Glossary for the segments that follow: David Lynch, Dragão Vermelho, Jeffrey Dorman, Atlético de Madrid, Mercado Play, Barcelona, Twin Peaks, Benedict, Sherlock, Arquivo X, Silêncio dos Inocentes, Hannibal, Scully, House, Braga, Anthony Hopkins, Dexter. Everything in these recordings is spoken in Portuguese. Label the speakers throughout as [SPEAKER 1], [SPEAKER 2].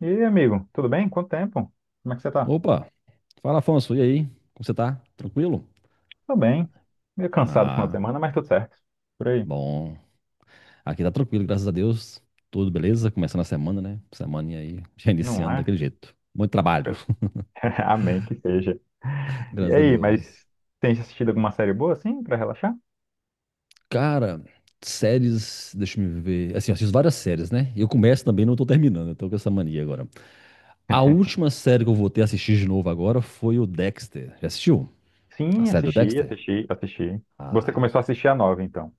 [SPEAKER 1] E aí, amigo, tudo bem? Quanto tempo? Como é que você tá?
[SPEAKER 2] Opa, fala Afonso, e aí? Como você tá? Tranquilo?
[SPEAKER 1] Tô bem. Meio cansado no final de
[SPEAKER 2] Ah,
[SPEAKER 1] semana, mas tudo certo. Por aí.
[SPEAKER 2] bom. Aqui tá tranquilo, graças a Deus. Tudo beleza? Começando a semana, né? Semana aí, já
[SPEAKER 1] Não
[SPEAKER 2] iniciando
[SPEAKER 1] é?
[SPEAKER 2] daquele jeito. Muito trabalho,
[SPEAKER 1] Amém que seja. E
[SPEAKER 2] graças a
[SPEAKER 1] aí, mas
[SPEAKER 2] Deus.
[SPEAKER 1] tem assistido alguma série boa, assim, pra relaxar?
[SPEAKER 2] Cara, séries, deixa eu ver. Assim, eu assisto várias séries, né? Eu começo também, não tô terminando, eu tô com essa mania agora. A última série que eu voltei a assistir de novo agora foi o Dexter. Já assistiu? A
[SPEAKER 1] Sim,
[SPEAKER 2] série do
[SPEAKER 1] assisti,
[SPEAKER 2] Dexter?
[SPEAKER 1] assisti, assisti. Você
[SPEAKER 2] Ah.
[SPEAKER 1] começou a assistir a nova, então?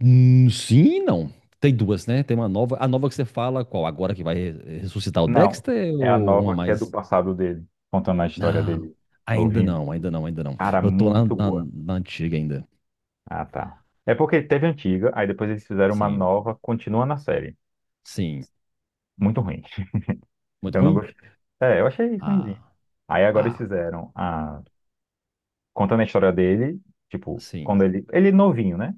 [SPEAKER 2] Sim, e não. Tem duas, né? Tem uma nova. A nova que você fala, qual? Agora que vai ressuscitar o
[SPEAKER 1] Não,
[SPEAKER 2] Dexter
[SPEAKER 1] é a
[SPEAKER 2] ou uma
[SPEAKER 1] nova que é do
[SPEAKER 2] mais?
[SPEAKER 1] passado dele, contando a história
[SPEAKER 2] Não,
[SPEAKER 1] dele,
[SPEAKER 2] ainda
[SPEAKER 1] novinho.
[SPEAKER 2] não, ainda não, ainda não.
[SPEAKER 1] Cara,
[SPEAKER 2] Eu tô na,
[SPEAKER 1] muito
[SPEAKER 2] na,
[SPEAKER 1] boa.
[SPEAKER 2] na antiga ainda.
[SPEAKER 1] Ah, tá. É porque teve a antiga, aí depois eles fizeram uma
[SPEAKER 2] Sim,
[SPEAKER 1] nova, continua na série.
[SPEAKER 2] sim.
[SPEAKER 1] Muito ruim.
[SPEAKER 2] Muito
[SPEAKER 1] Eu não
[SPEAKER 2] ruim?
[SPEAKER 1] gostei. É, eu achei ruimzinho.
[SPEAKER 2] Ah,
[SPEAKER 1] Aí agora eles
[SPEAKER 2] ah,
[SPEAKER 1] fizeram a... Contando a história dele, tipo, quando
[SPEAKER 2] sim.
[SPEAKER 1] ele... Ele é novinho, né?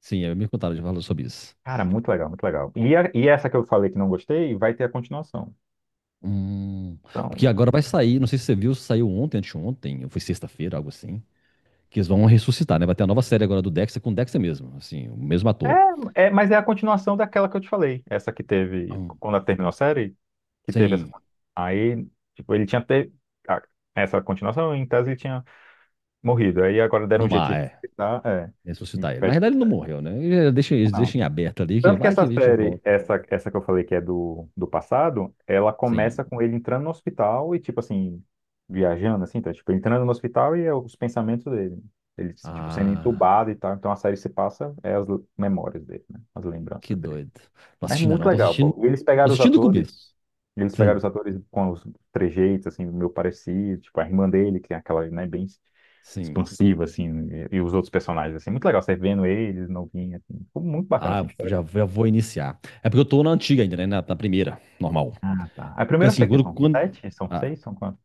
[SPEAKER 2] Sim, é, me contaram de falar sobre isso.
[SPEAKER 1] Cara, muito legal, muito legal. E, e essa que eu falei que não gostei, vai ter a continuação.
[SPEAKER 2] Hum, porque
[SPEAKER 1] Então,
[SPEAKER 2] agora vai sair, não sei se você viu, saiu ontem, anteontem, ou foi sexta-feira, algo assim. Que eles vão ressuscitar, né? Vai ter a nova série agora do Dexter com o Dexter mesmo, assim, o mesmo ator.
[SPEAKER 1] mas é a continuação daquela que eu te falei. Essa que teve,
[SPEAKER 2] Hum,
[SPEAKER 1] quando ela terminou a série, que teve essa...
[SPEAKER 2] Sim,
[SPEAKER 1] Aí, tipo, ele tinha ter... a- Essa continuação, em tese, ele tinha morrido. Aí agora deram
[SPEAKER 2] no
[SPEAKER 1] um jeito de
[SPEAKER 2] mar, é.
[SPEAKER 1] respeitar, é. E
[SPEAKER 2] Ressuscitar ele.
[SPEAKER 1] vai
[SPEAKER 2] Na
[SPEAKER 1] ser
[SPEAKER 2] verdade, ele não
[SPEAKER 1] sério.
[SPEAKER 2] morreu, né? Ele deixa, eles deixam em aberto ali, que
[SPEAKER 1] Tanto que
[SPEAKER 2] vai que
[SPEAKER 1] essa
[SPEAKER 2] a gente
[SPEAKER 1] série,
[SPEAKER 2] volta.
[SPEAKER 1] essa que eu falei que é do passado, ela
[SPEAKER 2] Sim.
[SPEAKER 1] começa com ele entrando no hospital e, tipo assim, viajando, assim, tá? Tipo, entrando no hospital e é os pensamentos dele. Ele, tipo, sendo
[SPEAKER 2] Ah,
[SPEAKER 1] entubado e tal. Então a série se passa, é as memórias dele, né? As
[SPEAKER 2] que
[SPEAKER 1] lembranças dele.
[SPEAKER 2] doido. Não
[SPEAKER 1] Mas
[SPEAKER 2] assistindo ainda
[SPEAKER 1] muito
[SPEAKER 2] não, tô
[SPEAKER 1] legal,
[SPEAKER 2] assistindo.
[SPEAKER 1] pô. Eles
[SPEAKER 2] Tô
[SPEAKER 1] pegaram os
[SPEAKER 2] assistindo o
[SPEAKER 1] atores,
[SPEAKER 2] começo.
[SPEAKER 1] eles pegaram os
[SPEAKER 2] Sim,
[SPEAKER 1] atores com os trejeitos, assim, meio parecido. Tipo, a irmã dele, que é aquela, né, bem
[SPEAKER 2] sim.
[SPEAKER 1] expansiva, assim, e os outros personagens, assim. Muito legal, você vendo eles, novinha assim. Ficou muito bacana,
[SPEAKER 2] Ah,
[SPEAKER 1] assim.
[SPEAKER 2] já, já vou iniciar. É porque eu tô na antiga ainda, né? Na primeira, normal.
[SPEAKER 1] Ah, tá. A
[SPEAKER 2] Porque
[SPEAKER 1] primeira eu
[SPEAKER 2] assim,
[SPEAKER 1] sei que são sete, são
[SPEAKER 2] ah,
[SPEAKER 1] seis, são quantos?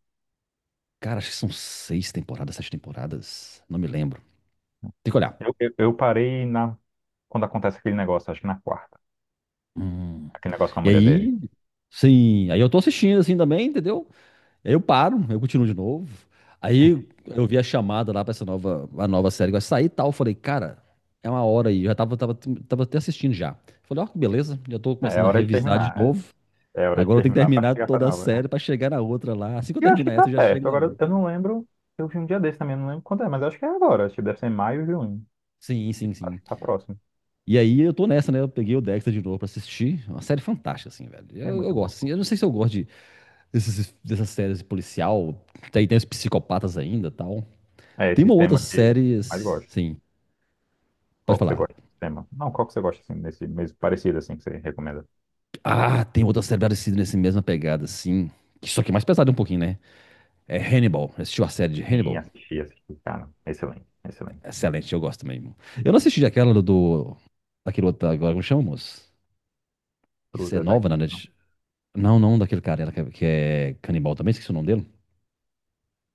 [SPEAKER 2] cara, acho que são seis temporadas, sete temporadas. Não me lembro. Tem que olhar.
[SPEAKER 1] Eu parei na, quando acontece aquele negócio, acho que na quarta.
[SPEAKER 2] Hum.
[SPEAKER 1] Aquele negócio com a
[SPEAKER 2] E
[SPEAKER 1] mulher dele.
[SPEAKER 2] aí. Sim, aí eu tô assistindo assim também, entendeu? Aí eu paro, eu continuo de novo. Aí eu vi a chamada lá pra essa nova, a nova série que vai sair e tal. Eu falei, cara, é uma hora aí. Eu já tava, tava até assistindo já. Falei, ó, que beleza, já tô
[SPEAKER 1] É, é
[SPEAKER 2] começando a
[SPEAKER 1] hora de
[SPEAKER 2] revisar de
[SPEAKER 1] terminar.
[SPEAKER 2] novo.
[SPEAKER 1] É, é hora de
[SPEAKER 2] Agora eu tenho que
[SPEAKER 1] terminar pra
[SPEAKER 2] terminar
[SPEAKER 1] chegar pra
[SPEAKER 2] toda a
[SPEAKER 1] nova.
[SPEAKER 2] série pra chegar na outra lá. Assim que eu
[SPEAKER 1] E eu acho que
[SPEAKER 2] terminar
[SPEAKER 1] tá
[SPEAKER 2] essa, eu já chego
[SPEAKER 1] perto.
[SPEAKER 2] na
[SPEAKER 1] Agora,
[SPEAKER 2] outra.
[SPEAKER 1] eu não lembro. Eu vi um dia desse também, eu não lembro quando é, mas eu acho que é agora. Acho que deve ser em maio e junho.
[SPEAKER 2] Sim, sim,
[SPEAKER 1] Acho
[SPEAKER 2] sim.
[SPEAKER 1] que tá próximo.
[SPEAKER 2] E aí eu tô nessa, né? Eu peguei o Dexter de novo pra assistir. É uma série fantástica, assim, velho.
[SPEAKER 1] É
[SPEAKER 2] Eu
[SPEAKER 1] muito bom.
[SPEAKER 2] gosto, assim. Eu não sei se eu gosto de, dessas séries de policial. Tem, tem os psicopatas ainda e tal.
[SPEAKER 1] É
[SPEAKER 2] Tem
[SPEAKER 1] esse
[SPEAKER 2] uma outra
[SPEAKER 1] tema que eu
[SPEAKER 2] série,
[SPEAKER 1] mais gosto.
[SPEAKER 2] sim. Pode
[SPEAKER 1] Qual que você
[SPEAKER 2] falar.
[SPEAKER 1] gosta desse tema? Não, qual que você gosta, assim, desse mesmo parecido, assim, que você recomenda?
[SPEAKER 2] Ah, tem outra série parecida nessa mesma pegada, sim. Só que mais pesada um pouquinho, né? É Hannibal. Assistiu a série de
[SPEAKER 1] Em
[SPEAKER 2] Hannibal?
[SPEAKER 1] assistir. Cara, excelente, excelente.
[SPEAKER 2] Excelente, eu gosto mesmo. Eu não assisti aquela daquele outro agora, como chama, moço? Isso é
[SPEAKER 1] Fruta, tá
[SPEAKER 2] nova
[SPEAKER 1] aqui.
[SPEAKER 2] na Não, não, daquele cara ela que é canibal também, esqueci o nome dele.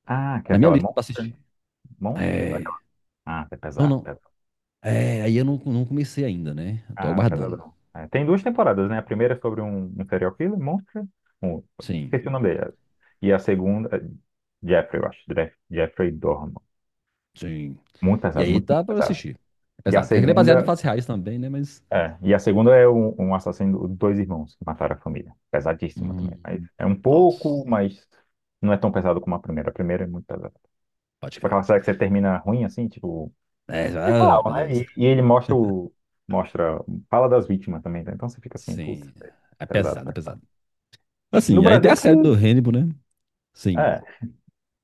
[SPEAKER 1] Ah,
[SPEAKER 2] Tá
[SPEAKER 1] que é
[SPEAKER 2] na minha
[SPEAKER 1] aquela
[SPEAKER 2] lista pra
[SPEAKER 1] Monster?
[SPEAKER 2] assistir.
[SPEAKER 1] Monster?
[SPEAKER 2] É.
[SPEAKER 1] Aquela... Ah, é
[SPEAKER 2] Não,
[SPEAKER 1] pesado,
[SPEAKER 2] não.
[SPEAKER 1] pesado.
[SPEAKER 2] É, aí eu não, não comecei ainda, né? Tô
[SPEAKER 1] Cara,
[SPEAKER 2] aguardando.
[SPEAKER 1] pesadão. É, tem duas temporadas, né? A primeira é sobre um serial killer, Monster. Um,
[SPEAKER 2] Sim,
[SPEAKER 1] esqueci o nome dele. E a segunda, é Jeffrey, eu acho. Jeffrey Dorman.
[SPEAKER 2] sim.
[SPEAKER 1] Muito
[SPEAKER 2] E
[SPEAKER 1] pesado,
[SPEAKER 2] aí
[SPEAKER 1] muito, muito
[SPEAKER 2] tá pra eu
[SPEAKER 1] pesado.
[SPEAKER 2] assistir.
[SPEAKER 1] E a
[SPEAKER 2] Exato, tem aquele baseado em
[SPEAKER 1] segunda,
[SPEAKER 2] fatos reais também, né? Mas.
[SPEAKER 1] e a segunda é um assassino, dois irmãos que mataram a família. Pesadíssima também. Mas
[SPEAKER 2] Hum,
[SPEAKER 1] é um
[SPEAKER 2] nossa,
[SPEAKER 1] pouco, mas não é tão pesado como a primeira. A primeira é muito pesada.
[SPEAKER 2] pode
[SPEAKER 1] Tipo aquela
[SPEAKER 2] crer.
[SPEAKER 1] série que você termina ruim, assim, tipo
[SPEAKER 2] É, ah,
[SPEAKER 1] real,
[SPEAKER 2] meu
[SPEAKER 1] né?
[SPEAKER 2] Deus.
[SPEAKER 1] E ele mostra o. Mostra. Fala das vítimas também, tá? Então você fica assim, putz,
[SPEAKER 2] Sim. É
[SPEAKER 1] pesado,
[SPEAKER 2] pesado, é
[SPEAKER 1] pesado.
[SPEAKER 2] pesado.
[SPEAKER 1] No
[SPEAKER 2] Assim, aí tem a
[SPEAKER 1] Brasil que.
[SPEAKER 2] série do Hannibal, né? Sim.
[SPEAKER 1] É.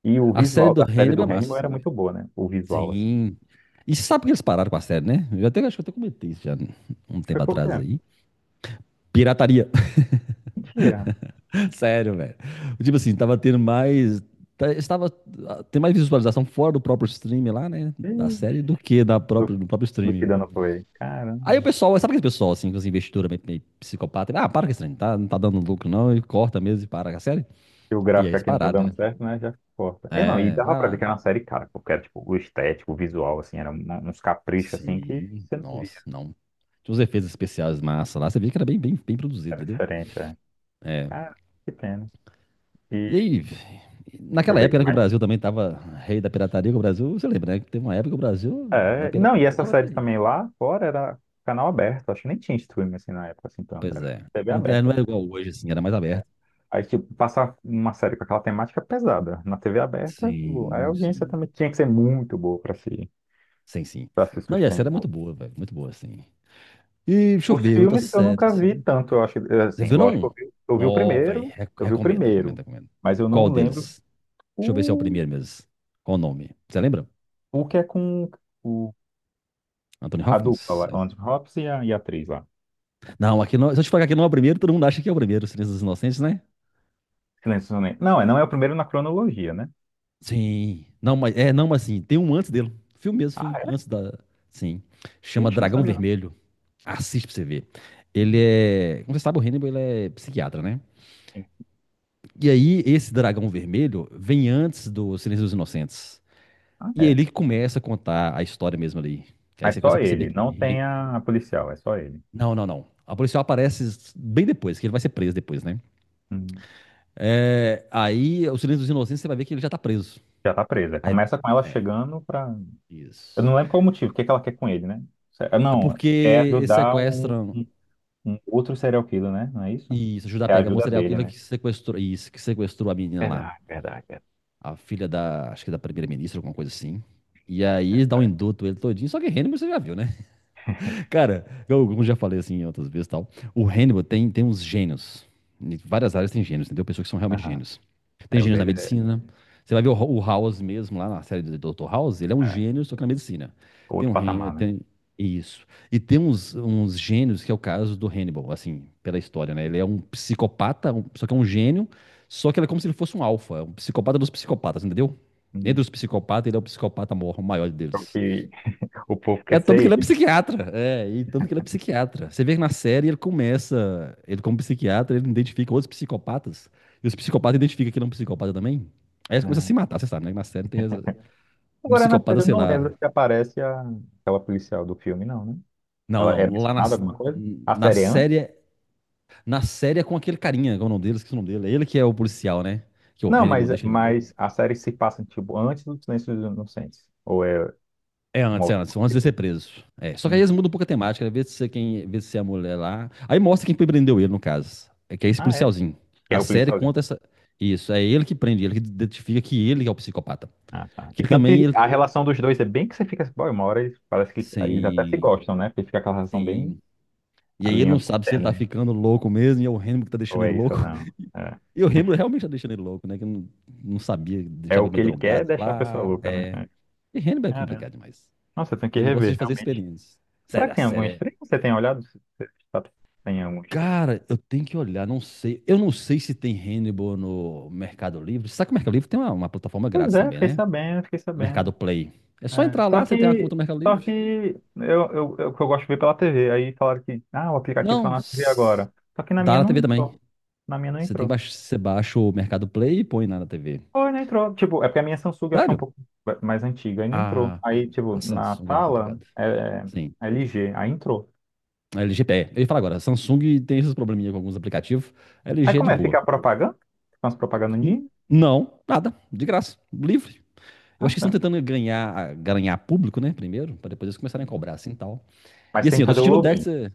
[SPEAKER 1] E o
[SPEAKER 2] A série
[SPEAKER 1] visual
[SPEAKER 2] do
[SPEAKER 1] da série do
[SPEAKER 2] Hannibal é massa,
[SPEAKER 1] Hannibal era
[SPEAKER 2] sim.
[SPEAKER 1] muito boa, né? O visual, assim.
[SPEAKER 2] Sim. E você sabe por que eles pararam com a série, né? Eu até acho que eu até comentei isso já um
[SPEAKER 1] Foi
[SPEAKER 2] tempo
[SPEAKER 1] pouco
[SPEAKER 2] atrás
[SPEAKER 1] tempo.
[SPEAKER 2] aí. Pirataria.
[SPEAKER 1] Mentira.
[SPEAKER 2] Sério, velho. Tipo assim, tava tendo mais. Estava tem mais visualização fora do próprio stream lá, né? Da
[SPEAKER 1] Ixi,
[SPEAKER 2] série do que da
[SPEAKER 1] Do,
[SPEAKER 2] própria, do próprio
[SPEAKER 1] do que
[SPEAKER 2] stream.
[SPEAKER 1] dando play. Caramba.
[SPEAKER 2] Aí o pessoal, sabe aquele pessoal assim, com as investidoras meio, meio psicopata? Ah, para com esse trem, tá, não tá dando lucro não, e corta mesmo e para com a série.
[SPEAKER 1] Se o
[SPEAKER 2] E aí
[SPEAKER 1] gráfico
[SPEAKER 2] eles
[SPEAKER 1] aqui não tá
[SPEAKER 2] pararam,
[SPEAKER 1] dando
[SPEAKER 2] né?
[SPEAKER 1] certo, né? Já corta. E não, e
[SPEAKER 2] É,
[SPEAKER 1] dava
[SPEAKER 2] vai
[SPEAKER 1] pra ver que
[SPEAKER 2] lá.
[SPEAKER 1] era uma série cara, porque era tipo, o estético, o visual, assim, eram uns caprichos assim que
[SPEAKER 2] Sim,
[SPEAKER 1] você não via,
[SPEAKER 2] nossa, não. Tinha uns efeitos especiais massa lá, você via que era bem, bem produzido,
[SPEAKER 1] era
[SPEAKER 2] entendeu?
[SPEAKER 1] diferente, é.
[SPEAKER 2] É.
[SPEAKER 1] Cara, que pena. E
[SPEAKER 2] E
[SPEAKER 1] deixa
[SPEAKER 2] aí,
[SPEAKER 1] eu
[SPEAKER 2] naquela
[SPEAKER 1] ver
[SPEAKER 2] época né, que o
[SPEAKER 1] o.
[SPEAKER 2] Brasil também tava rei da pirataria, que o Brasil, você lembra, né? Que teve uma época que o Brasil, na
[SPEAKER 1] É, não,
[SPEAKER 2] pirataria,
[SPEAKER 1] e essa
[SPEAKER 2] tava
[SPEAKER 1] série
[SPEAKER 2] terrível.
[SPEAKER 1] também lá fora era canal aberto, acho que nem tinha streaming assim na época, assim, tanto,
[SPEAKER 2] Pois
[SPEAKER 1] era
[SPEAKER 2] é.
[SPEAKER 1] TV
[SPEAKER 2] Não,
[SPEAKER 1] aberta,
[SPEAKER 2] não era
[SPEAKER 1] assim.
[SPEAKER 2] igual hoje, assim, era mais
[SPEAKER 1] É.
[SPEAKER 2] aberto.
[SPEAKER 1] Aí, tipo, passar uma série com aquela temática pesada na TV aberta, tipo, aí a
[SPEAKER 2] Sim,
[SPEAKER 1] audiência
[SPEAKER 2] sim.
[SPEAKER 1] também tinha que ser muito boa
[SPEAKER 2] Sim, sim.
[SPEAKER 1] para se
[SPEAKER 2] Não, e essa era
[SPEAKER 1] sustentar.
[SPEAKER 2] muito boa, velho, muito boa, assim. E deixa eu
[SPEAKER 1] Os
[SPEAKER 2] ver, outras
[SPEAKER 1] filmes eu
[SPEAKER 2] séries,
[SPEAKER 1] nunca vi
[SPEAKER 2] assim.
[SPEAKER 1] tanto, eu acho,
[SPEAKER 2] Você
[SPEAKER 1] assim,
[SPEAKER 2] viu,
[SPEAKER 1] lógico,
[SPEAKER 2] não?
[SPEAKER 1] eu vi,
[SPEAKER 2] Não, velho,
[SPEAKER 1] eu vi o
[SPEAKER 2] recomendo, recomendo,
[SPEAKER 1] primeiro,
[SPEAKER 2] recomendo.
[SPEAKER 1] mas eu
[SPEAKER 2] Qual
[SPEAKER 1] não lembro
[SPEAKER 2] deles? Deixa eu ver se é o
[SPEAKER 1] o,
[SPEAKER 2] primeiro mesmo. Qual o nome? Você lembra?
[SPEAKER 1] o que é com o,
[SPEAKER 2] Anthony
[SPEAKER 1] a dupla
[SPEAKER 2] Hopkins?
[SPEAKER 1] lá, Anthony Hopkins e a atriz lá.
[SPEAKER 2] Não, aqui não, se eu te falar que aqui não é o primeiro, todo mundo acha que é o primeiro, Silêncio dos Inocentes, né?
[SPEAKER 1] Silêncio dos Inocentes. Não, é, não é o primeiro na cronologia, né?
[SPEAKER 2] Sim. Não, mas é, não, mas sim, tem um antes dele. Filme mesmo, filme, antes da, sim. Chama
[SPEAKER 1] Ixi, não
[SPEAKER 2] Dragão
[SPEAKER 1] sabia
[SPEAKER 2] Vermelho. Assiste pra você ver. Ele
[SPEAKER 1] não.
[SPEAKER 2] é, como você sabe, o Hannibal, ele é psiquiatra, né?
[SPEAKER 1] Sim.
[SPEAKER 2] E aí esse Dragão Vermelho vem antes do Silêncio dos Inocentes.
[SPEAKER 1] Ah,
[SPEAKER 2] E é
[SPEAKER 1] é?
[SPEAKER 2] ele que começa a contar a história mesmo ali. Que aí
[SPEAKER 1] Mas
[SPEAKER 2] você
[SPEAKER 1] só
[SPEAKER 2] começa a perceber
[SPEAKER 1] ele,
[SPEAKER 2] que
[SPEAKER 1] não tem a policial, é só ele.
[SPEAKER 2] não. A policial aparece bem depois, que ele vai ser preso depois, né?
[SPEAKER 1] Hum.
[SPEAKER 2] É, aí, o Silêncio dos Inocentes, você vai ver que ele já tá preso.
[SPEAKER 1] Já tá presa.
[SPEAKER 2] Aí,
[SPEAKER 1] Começa com ela chegando pra. Eu
[SPEAKER 2] isso.
[SPEAKER 1] não lembro qual o motivo, o que que ela quer com ele, né?
[SPEAKER 2] É
[SPEAKER 1] Não,
[SPEAKER 2] porque
[SPEAKER 1] é
[SPEAKER 2] eles
[SPEAKER 1] ajudar
[SPEAKER 2] sequestram
[SPEAKER 1] um, um outro serial killer, né? Não é isso?
[SPEAKER 2] e isso ajuda a
[SPEAKER 1] É a
[SPEAKER 2] pegar um
[SPEAKER 1] ajuda
[SPEAKER 2] serial
[SPEAKER 1] dele,
[SPEAKER 2] killer
[SPEAKER 1] né?
[SPEAKER 2] que sequestrou, isso, que sequestrou a menina lá,
[SPEAKER 1] Verdade, verdade, verdade.
[SPEAKER 2] a filha da, acho que da primeira-ministra, alguma coisa assim. E aí dá um induto ele todinho, só que Hannibal você já viu, né? Cara, eu, como já falei assim outras vezes e tal, o Hannibal tem, tem uns gênios. Em várias áreas tem gênios, entendeu? Pessoas que são realmente
[SPEAKER 1] Aham.
[SPEAKER 2] gênios. Tem
[SPEAKER 1] É, o
[SPEAKER 2] gênios na
[SPEAKER 1] dele é,
[SPEAKER 2] medicina. Você vai ver o, o House mesmo, lá na série do Dr. House, ele é um
[SPEAKER 1] é
[SPEAKER 2] gênio, só que na medicina. Tem
[SPEAKER 1] outro
[SPEAKER 2] um Hen-
[SPEAKER 1] patamar, né?
[SPEAKER 2] tem isso. E tem uns, uns gênios, que é o caso do Hannibal, assim, pela história, né? Ele é um psicopata, só que é um gênio, só que ele é como se ele fosse um alfa, é um psicopata dos psicopatas, entendeu? Entre
[SPEAKER 1] Hum.
[SPEAKER 2] os psicopatas, ele é o psicopata o maior deles.
[SPEAKER 1] E o povo
[SPEAKER 2] É
[SPEAKER 1] quer ser
[SPEAKER 2] tanto que ele é
[SPEAKER 1] ele.
[SPEAKER 2] psiquiatra. É, e tanto que ele é psiquiatra. Você vê que na série ele começa, ele como psiquiatra, ele identifica outros psicopatas. E os psicopatas identificam que ele é um psicopata também. Aí eles começam a
[SPEAKER 1] É.
[SPEAKER 2] se matar, você sabe, né? Na série tem um
[SPEAKER 1] Agora na
[SPEAKER 2] psicopata,
[SPEAKER 1] série eu
[SPEAKER 2] sei
[SPEAKER 1] não
[SPEAKER 2] lá.
[SPEAKER 1] lembro se aparece a... aquela policial do filme, não, né?
[SPEAKER 2] Não,
[SPEAKER 1] Ela é
[SPEAKER 2] não. Lá na,
[SPEAKER 1] mencionada alguma coisa? A
[SPEAKER 2] na
[SPEAKER 1] série é antes?
[SPEAKER 2] série. Na série é com aquele carinha, qual é o nome dele, esqueci o nome dele. É ele que é o policial, né? Que o
[SPEAKER 1] Não,
[SPEAKER 2] Hannibal deixa ele louco.
[SPEAKER 1] mas a série se passa, tipo, antes do Silêncio dos Inocentes. Ou é um
[SPEAKER 2] É antes, antes de ser
[SPEAKER 1] alternativo?
[SPEAKER 2] preso. É. Só que aí
[SPEAKER 1] Hum.
[SPEAKER 2] eles mudam um pouco a temática, né? Vê se é quem, vê se é a mulher lá. Aí mostra quem prendeu ele, no caso. É que é esse
[SPEAKER 1] Ah, é?
[SPEAKER 2] policialzinho.
[SPEAKER 1] Que
[SPEAKER 2] A
[SPEAKER 1] é o
[SPEAKER 2] série
[SPEAKER 1] policialzinho.
[SPEAKER 2] conta essa. Isso, é ele que prende, ele que identifica que ele é o psicopata.
[SPEAKER 1] Ah, tá.
[SPEAKER 2] Que
[SPEAKER 1] E
[SPEAKER 2] ele
[SPEAKER 1] tanto
[SPEAKER 2] também
[SPEAKER 1] que
[SPEAKER 2] ele
[SPEAKER 1] a
[SPEAKER 2] tem.
[SPEAKER 1] relação dos dois é bem que você fica assim, pô, uma hora eles, parece que eles até se
[SPEAKER 2] Sim,
[SPEAKER 1] gostam, né? Porque fica aquela relação bem,
[SPEAKER 2] sim. E
[SPEAKER 1] a
[SPEAKER 2] aí ele
[SPEAKER 1] linha
[SPEAKER 2] não
[SPEAKER 1] bem
[SPEAKER 2] sabe se ele tá
[SPEAKER 1] tênue.
[SPEAKER 2] ficando louco mesmo, e é o Hannibal que tá
[SPEAKER 1] Ou
[SPEAKER 2] deixando
[SPEAKER 1] é
[SPEAKER 2] ele
[SPEAKER 1] isso
[SPEAKER 2] louco.
[SPEAKER 1] ou não. É.
[SPEAKER 2] E o Hannibal realmente tá deixando ele louco, né? Que não, não sabia,
[SPEAKER 1] É
[SPEAKER 2] deixava
[SPEAKER 1] o
[SPEAKER 2] ele
[SPEAKER 1] que
[SPEAKER 2] meio
[SPEAKER 1] ele quer, é
[SPEAKER 2] drogado
[SPEAKER 1] deixar a pessoa
[SPEAKER 2] lá.
[SPEAKER 1] louca, né?
[SPEAKER 2] É.
[SPEAKER 1] É.
[SPEAKER 2] E Hannibal é
[SPEAKER 1] Caramba.
[SPEAKER 2] complicado demais.
[SPEAKER 1] Nossa, eu tenho que
[SPEAKER 2] Ele gosta
[SPEAKER 1] rever,
[SPEAKER 2] de fazer
[SPEAKER 1] realmente.
[SPEAKER 2] experiências.
[SPEAKER 1] Será
[SPEAKER 2] Sério,
[SPEAKER 1] que
[SPEAKER 2] a
[SPEAKER 1] tem algum
[SPEAKER 2] série é
[SPEAKER 1] stream? Você tem olhado? Você sabe se tem algum stream?
[SPEAKER 2] cara, eu tenho que olhar, não sei. Eu não sei se tem Hannibal no Mercado Livre. Sabe que o Mercado Livre tem uma plataforma
[SPEAKER 1] Pois
[SPEAKER 2] grátis
[SPEAKER 1] é,
[SPEAKER 2] também,
[SPEAKER 1] fiquei
[SPEAKER 2] né?
[SPEAKER 1] sabendo, fiquei
[SPEAKER 2] Mercado
[SPEAKER 1] sabendo.
[SPEAKER 2] Play. É só
[SPEAKER 1] É,
[SPEAKER 2] entrar
[SPEAKER 1] Só
[SPEAKER 2] lá, você tem uma
[SPEAKER 1] que,
[SPEAKER 2] conta no Mercado
[SPEAKER 1] só
[SPEAKER 2] Livre.
[SPEAKER 1] que eu, eu, eu, que eu gosto de ver pela TV. Aí falaram que, ah, o aplicativo tá
[SPEAKER 2] Não,
[SPEAKER 1] na TV agora. Só que na
[SPEAKER 2] dá
[SPEAKER 1] minha
[SPEAKER 2] na
[SPEAKER 1] não
[SPEAKER 2] TV também.
[SPEAKER 1] entrou. Na minha não
[SPEAKER 2] Você tem que
[SPEAKER 1] entrou.
[SPEAKER 2] baixar, você baixa o Mercado Play e põe lá na TV.
[SPEAKER 1] Foi, não entrou. Tipo, é porque a minha Samsung eu achei um
[SPEAKER 2] Sério?
[SPEAKER 1] pouco mais antiga. Aí não entrou.
[SPEAKER 2] A,
[SPEAKER 1] Aí, tipo,
[SPEAKER 2] a
[SPEAKER 1] na
[SPEAKER 2] Samsung é
[SPEAKER 1] tala
[SPEAKER 2] complicada. Sim.
[SPEAKER 1] é LG. Aí entrou.
[SPEAKER 2] A LG, é, eu ia falar agora, a Samsung tem esses probleminha com alguns aplicativos. A
[SPEAKER 1] Aí
[SPEAKER 2] LG é
[SPEAKER 1] como
[SPEAKER 2] de
[SPEAKER 1] é? Fica
[SPEAKER 2] boa.
[SPEAKER 1] a propaganda? Fica umas propagandas
[SPEAKER 2] N-
[SPEAKER 1] de...
[SPEAKER 2] não, nada, de graça, livre. Eu acho que estão
[SPEAKER 1] Caramba.
[SPEAKER 2] tentando ganhar, ganhar público, né? Primeiro, para depois eles começarem a cobrar, assim e tal.
[SPEAKER 1] Mas
[SPEAKER 2] E
[SPEAKER 1] tem
[SPEAKER 2] assim,
[SPEAKER 1] que
[SPEAKER 2] eu tô
[SPEAKER 1] fazer o
[SPEAKER 2] assistindo o Dex.
[SPEAKER 1] login.
[SPEAKER 2] é-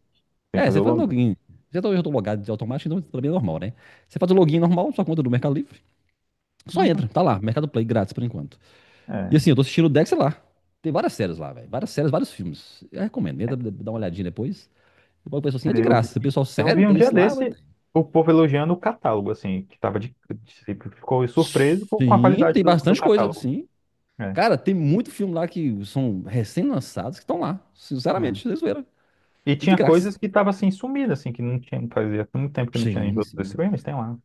[SPEAKER 1] Tem que
[SPEAKER 2] É,
[SPEAKER 1] fazer
[SPEAKER 2] você
[SPEAKER 1] o
[SPEAKER 2] faz
[SPEAKER 1] login.
[SPEAKER 2] login. Já tô logado de automático, então pra mim é normal, né? Você faz o login normal, sua conta é do Mercado Livre. Só
[SPEAKER 1] Ah,
[SPEAKER 2] entra, tá lá, Mercado Play, grátis por enquanto. E
[SPEAKER 1] é.
[SPEAKER 2] assim, eu tô assistindo o Dex lá. Tem várias séries lá, velho. Várias séries, vários filmes. Eu recomendo, entra, dá uma olhadinha depois. E o pessoal assim,
[SPEAKER 1] É,
[SPEAKER 2] é de
[SPEAKER 1] Eu
[SPEAKER 2] graça. O
[SPEAKER 1] vi,
[SPEAKER 2] pessoal,
[SPEAKER 1] eu
[SPEAKER 2] sério,
[SPEAKER 1] vi um
[SPEAKER 2] tem
[SPEAKER 1] dia
[SPEAKER 2] isso lá? Mas...
[SPEAKER 1] desse o povo elogiando o catálogo, assim, que tava de- ficou surpreso com a
[SPEAKER 2] Sim,
[SPEAKER 1] qualidade
[SPEAKER 2] tem
[SPEAKER 1] do
[SPEAKER 2] bastante coisa,
[SPEAKER 1] catálogo.
[SPEAKER 2] sim.
[SPEAKER 1] É,
[SPEAKER 2] Cara, tem muito filme lá que são recém-lançados que estão lá. Sinceramente,
[SPEAKER 1] é.
[SPEAKER 2] vocês viram.
[SPEAKER 1] E
[SPEAKER 2] E de
[SPEAKER 1] tinha
[SPEAKER 2] graça.
[SPEAKER 1] coisas que tava assim sumida assim, que não tinha, fazia muito tempo que não tinha em
[SPEAKER 2] Sim,
[SPEAKER 1] outros
[SPEAKER 2] sim,
[SPEAKER 1] streams, tem lá.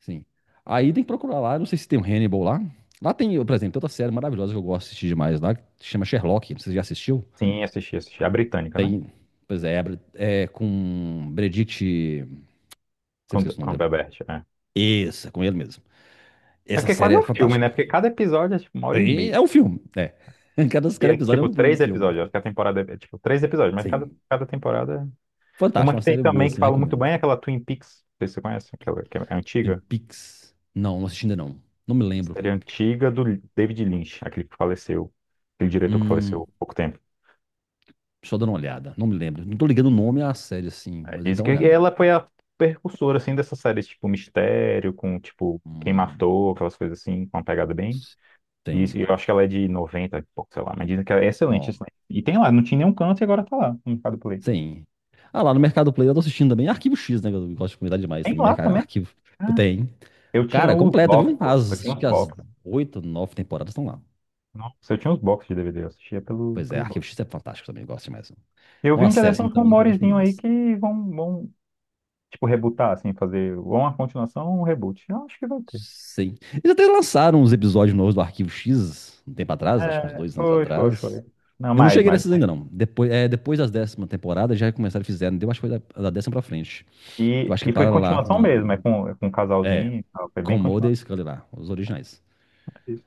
[SPEAKER 2] sim. Aí tem que procurar lá, não sei se tem um Hannibal lá. Lá tem, por exemplo, tem outra série maravilhosa que eu gosto de assistir demais lá, que se chama Sherlock, não sei se você já assistiu.
[SPEAKER 1] Sim, assisti. A britânica, né?
[SPEAKER 2] Tem, pois é, é com Benedict, sempre esqueço o
[SPEAKER 1] Com
[SPEAKER 2] nome
[SPEAKER 1] a
[SPEAKER 2] dele.
[SPEAKER 1] Bebert, é.
[SPEAKER 2] Esse, é com ele mesmo.
[SPEAKER 1] É
[SPEAKER 2] Essa
[SPEAKER 1] porque
[SPEAKER 2] série
[SPEAKER 1] quase é
[SPEAKER 2] é
[SPEAKER 1] um filme, né?
[SPEAKER 2] fantástica.
[SPEAKER 1] Porque cada episódio é tipo uma hora e meia.
[SPEAKER 2] É um filme, é. Cada,
[SPEAKER 1] E
[SPEAKER 2] cada
[SPEAKER 1] é
[SPEAKER 2] episódio é
[SPEAKER 1] tipo
[SPEAKER 2] um, um
[SPEAKER 1] três
[SPEAKER 2] filme.
[SPEAKER 1] episódios, acho que a temporada é tipo três episódios, mas cada,
[SPEAKER 2] Sim,
[SPEAKER 1] cada temporada. é... Uma
[SPEAKER 2] fantástico, uma
[SPEAKER 1] que tem
[SPEAKER 2] série boa,
[SPEAKER 1] também que
[SPEAKER 2] assim, eu
[SPEAKER 1] fala muito
[SPEAKER 2] recomendo.
[SPEAKER 1] bem é aquela Twin Peaks, não sei se você conhece, aquela que é
[SPEAKER 2] Tem
[SPEAKER 1] antiga.
[SPEAKER 2] Pix. Não, não assisti ainda não. Não me lembro.
[SPEAKER 1] Série antiga do David Lynch, aquele que faleceu, aquele diretor que faleceu
[SPEAKER 2] Hum,
[SPEAKER 1] há pouco tempo.
[SPEAKER 2] só dando uma olhada, não me lembro. Não tô ligando o nome à série, assim,
[SPEAKER 1] É,
[SPEAKER 2] mas tem que
[SPEAKER 1] dizem
[SPEAKER 2] dar uma
[SPEAKER 1] que
[SPEAKER 2] olhada.
[SPEAKER 1] ela foi a precursora, assim, dessa série, tipo, mistério, com, tipo, quem
[SPEAKER 2] Hum,
[SPEAKER 1] matou, aquelas coisas assim, com uma pegada bem...
[SPEAKER 2] tem.
[SPEAKER 1] Eu acho que ela é de 90, e pouco, sei lá, mas dizem que ela é excelente,
[SPEAKER 2] Não
[SPEAKER 1] excelente. E tem lá, não tinha nenhum canto e agora tá lá, no Mercado Play.
[SPEAKER 2] tem. Ah, lá no Mercado Play eu tô assistindo também. Arquivo X, né? Que eu gosto de comentar demais
[SPEAKER 1] Tem
[SPEAKER 2] também.
[SPEAKER 1] lá
[SPEAKER 2] Mercado,
[SPEAKER 1] também.
[SPEAKER 2] arquivo.
[SPEAKER 1] Ah,
[SPEAKER 2] Tem.
[SPEAKER 1] eu tinha
[SPEAKER 2] Cara,
[SPEAKER 1] os
[SPEAKER 2] completa,
[SPEAKER 1] box,
[SPEAKER 2] viu?
[SPEAKER 1] pô. Eu
[SPEAKER 2] As,
[SPEAKER 1] tinha
[SPEAKER 2] acho
[SPEAKER 1] os
[SPEAKER 2] que as
[SPEAKER 1] box.
[SPEAKER 2] oito, nove temporadas estão lá.
[SPEAKER 1] Nossa, eu tinha os box de DVD, eu assistia pelo,
[SPEAKER 2] Pois é,
[SPEAKER 1] pelo box.
[SPEAKER 2] Arquivo X é fantástico também, eu gosto demais. É
[SPEAKER 1] Eu vi
[SPEAKER 2] uma
[SPEAKER 1] um dia
[SPEAKER 2] série
[SPEAKER 1] desses
[SPEAKER 2] assim
[SPEAKER 1] uns
[SPEAKER 2] também que eu gosto
[SPEAKER 1] rumorezinhos aí
[SPEAKER 2] massa.
[SPEAKER 1] que vão, vão. Tipo, rebootar, assim, fazer ou uma continuação ou um reboot. Eu acho que vai ter.
[SPEAKER 2] Sim. Eles até lançaram uns episódios novos do Arquivo X um tempo atrás, acho que uns
[SPEAKER 1] É,
[SPEAKER 2] dois anos
[SPEAKER 1] foi, foi, foi.
[SPEAKER 2] atrás.
[SPEAKER 1] Não,
[SPEAKER 2] Eu não
[SPEAKER 1] mais,
[SPEAKER 2] cheguei
[SPEAKER 1] mais.
[SPEAKER 2] nesses ainda, não. Depois, é, depois das décima temporada já começaram a fizeram. Deu acho que foi da décima pra frente. Eu acho que
[SPEAKER 1] E foi
[SPEAKER 2] para lá
[SPEAKER 1] continuação
[SPEAKER 2] na
[SPEAKER 1] mesmo,
[SPEAKER 2] nona.
[SPEAKER 1] é com um
[SPEAKER 2] É.
[SPEAKER 1] casalzinho e tal. Foi bem
[SPEAKER 2] Comodo e
[SPEAKER 1] continuação.
[SPEAKER 2] Scully lá, os originais.
[SPEAKER 1] É isso.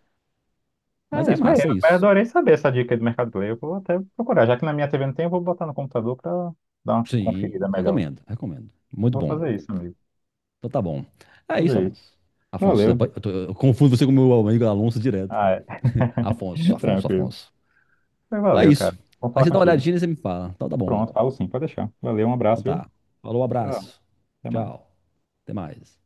[SPEAKER 2] Mas
[SPEAKER 1] É
[SPEAKER 2] é
[SPEAKER 1] isso,
[SPEAKER 2] massa, é
[SPEAKER 1] mas
[SPEAKER 2] isso.
[SPEAKER 1] adorei saber essa dica aí do Mercado Play. Eu vou até procurar. Já que na minha TV não tem, eu vou botar no computador pra dar uma conferida
[SPEAKER 2] Sim,
[SPEAKER 1] melhor.
[SPEAKER 2] recomendo, recomendo. Muito
[SPEAKER 1] Vou
[SPEAKER 2] bom.
[SPEAKER 1] fazer isso, amigo.
[SPEAKER 2] Então tá bom. É isso,
[SPEAKER 1] Fazer isso.
[SPEAKER 2] Alonso. Afonso,
[SPEAKER 1] Valeu.
[SPEAKER 2] eu, eu confundo você com o meu amigo Alonso direto.
[SPEAKER 1] Ah,
[SPEAKER 2] Velho.
[SPEAKER 1] é.
[SPEAKER 2] Afonso, Afonso,
[SPEAKER 1] Tranquilo.
[SPEAKER 2] Afonso.
[SPEAKER 1] Mas
[SPEAKER 2] Então é
[SPEAKER 1] Valeu,
[SPEAKER 2] isso.
[SPEAKER 1] cara. Vou
[SPEAKER 2] Aí
[SPEAKER 1] falar
[SPEAKER 2] você dá uma
[SPEAKER 1] contigo.
[SPEAKER 2] olhadinha e você me fala. Então tá bom.
[SPEAKER 1] Pronto, falo sim, pode deixar. Valeu, um
[SPEAKER 2] Então
[SPEAKER 1] abraço, viu?
[SPEAKER 2] tá. Falou,
[SPEAKER 1] Tchau.
[SPEAKER 2] abraço.
[SPEAKER 1] Até mais.
[SPEAKER 2] Tchau. Até mais.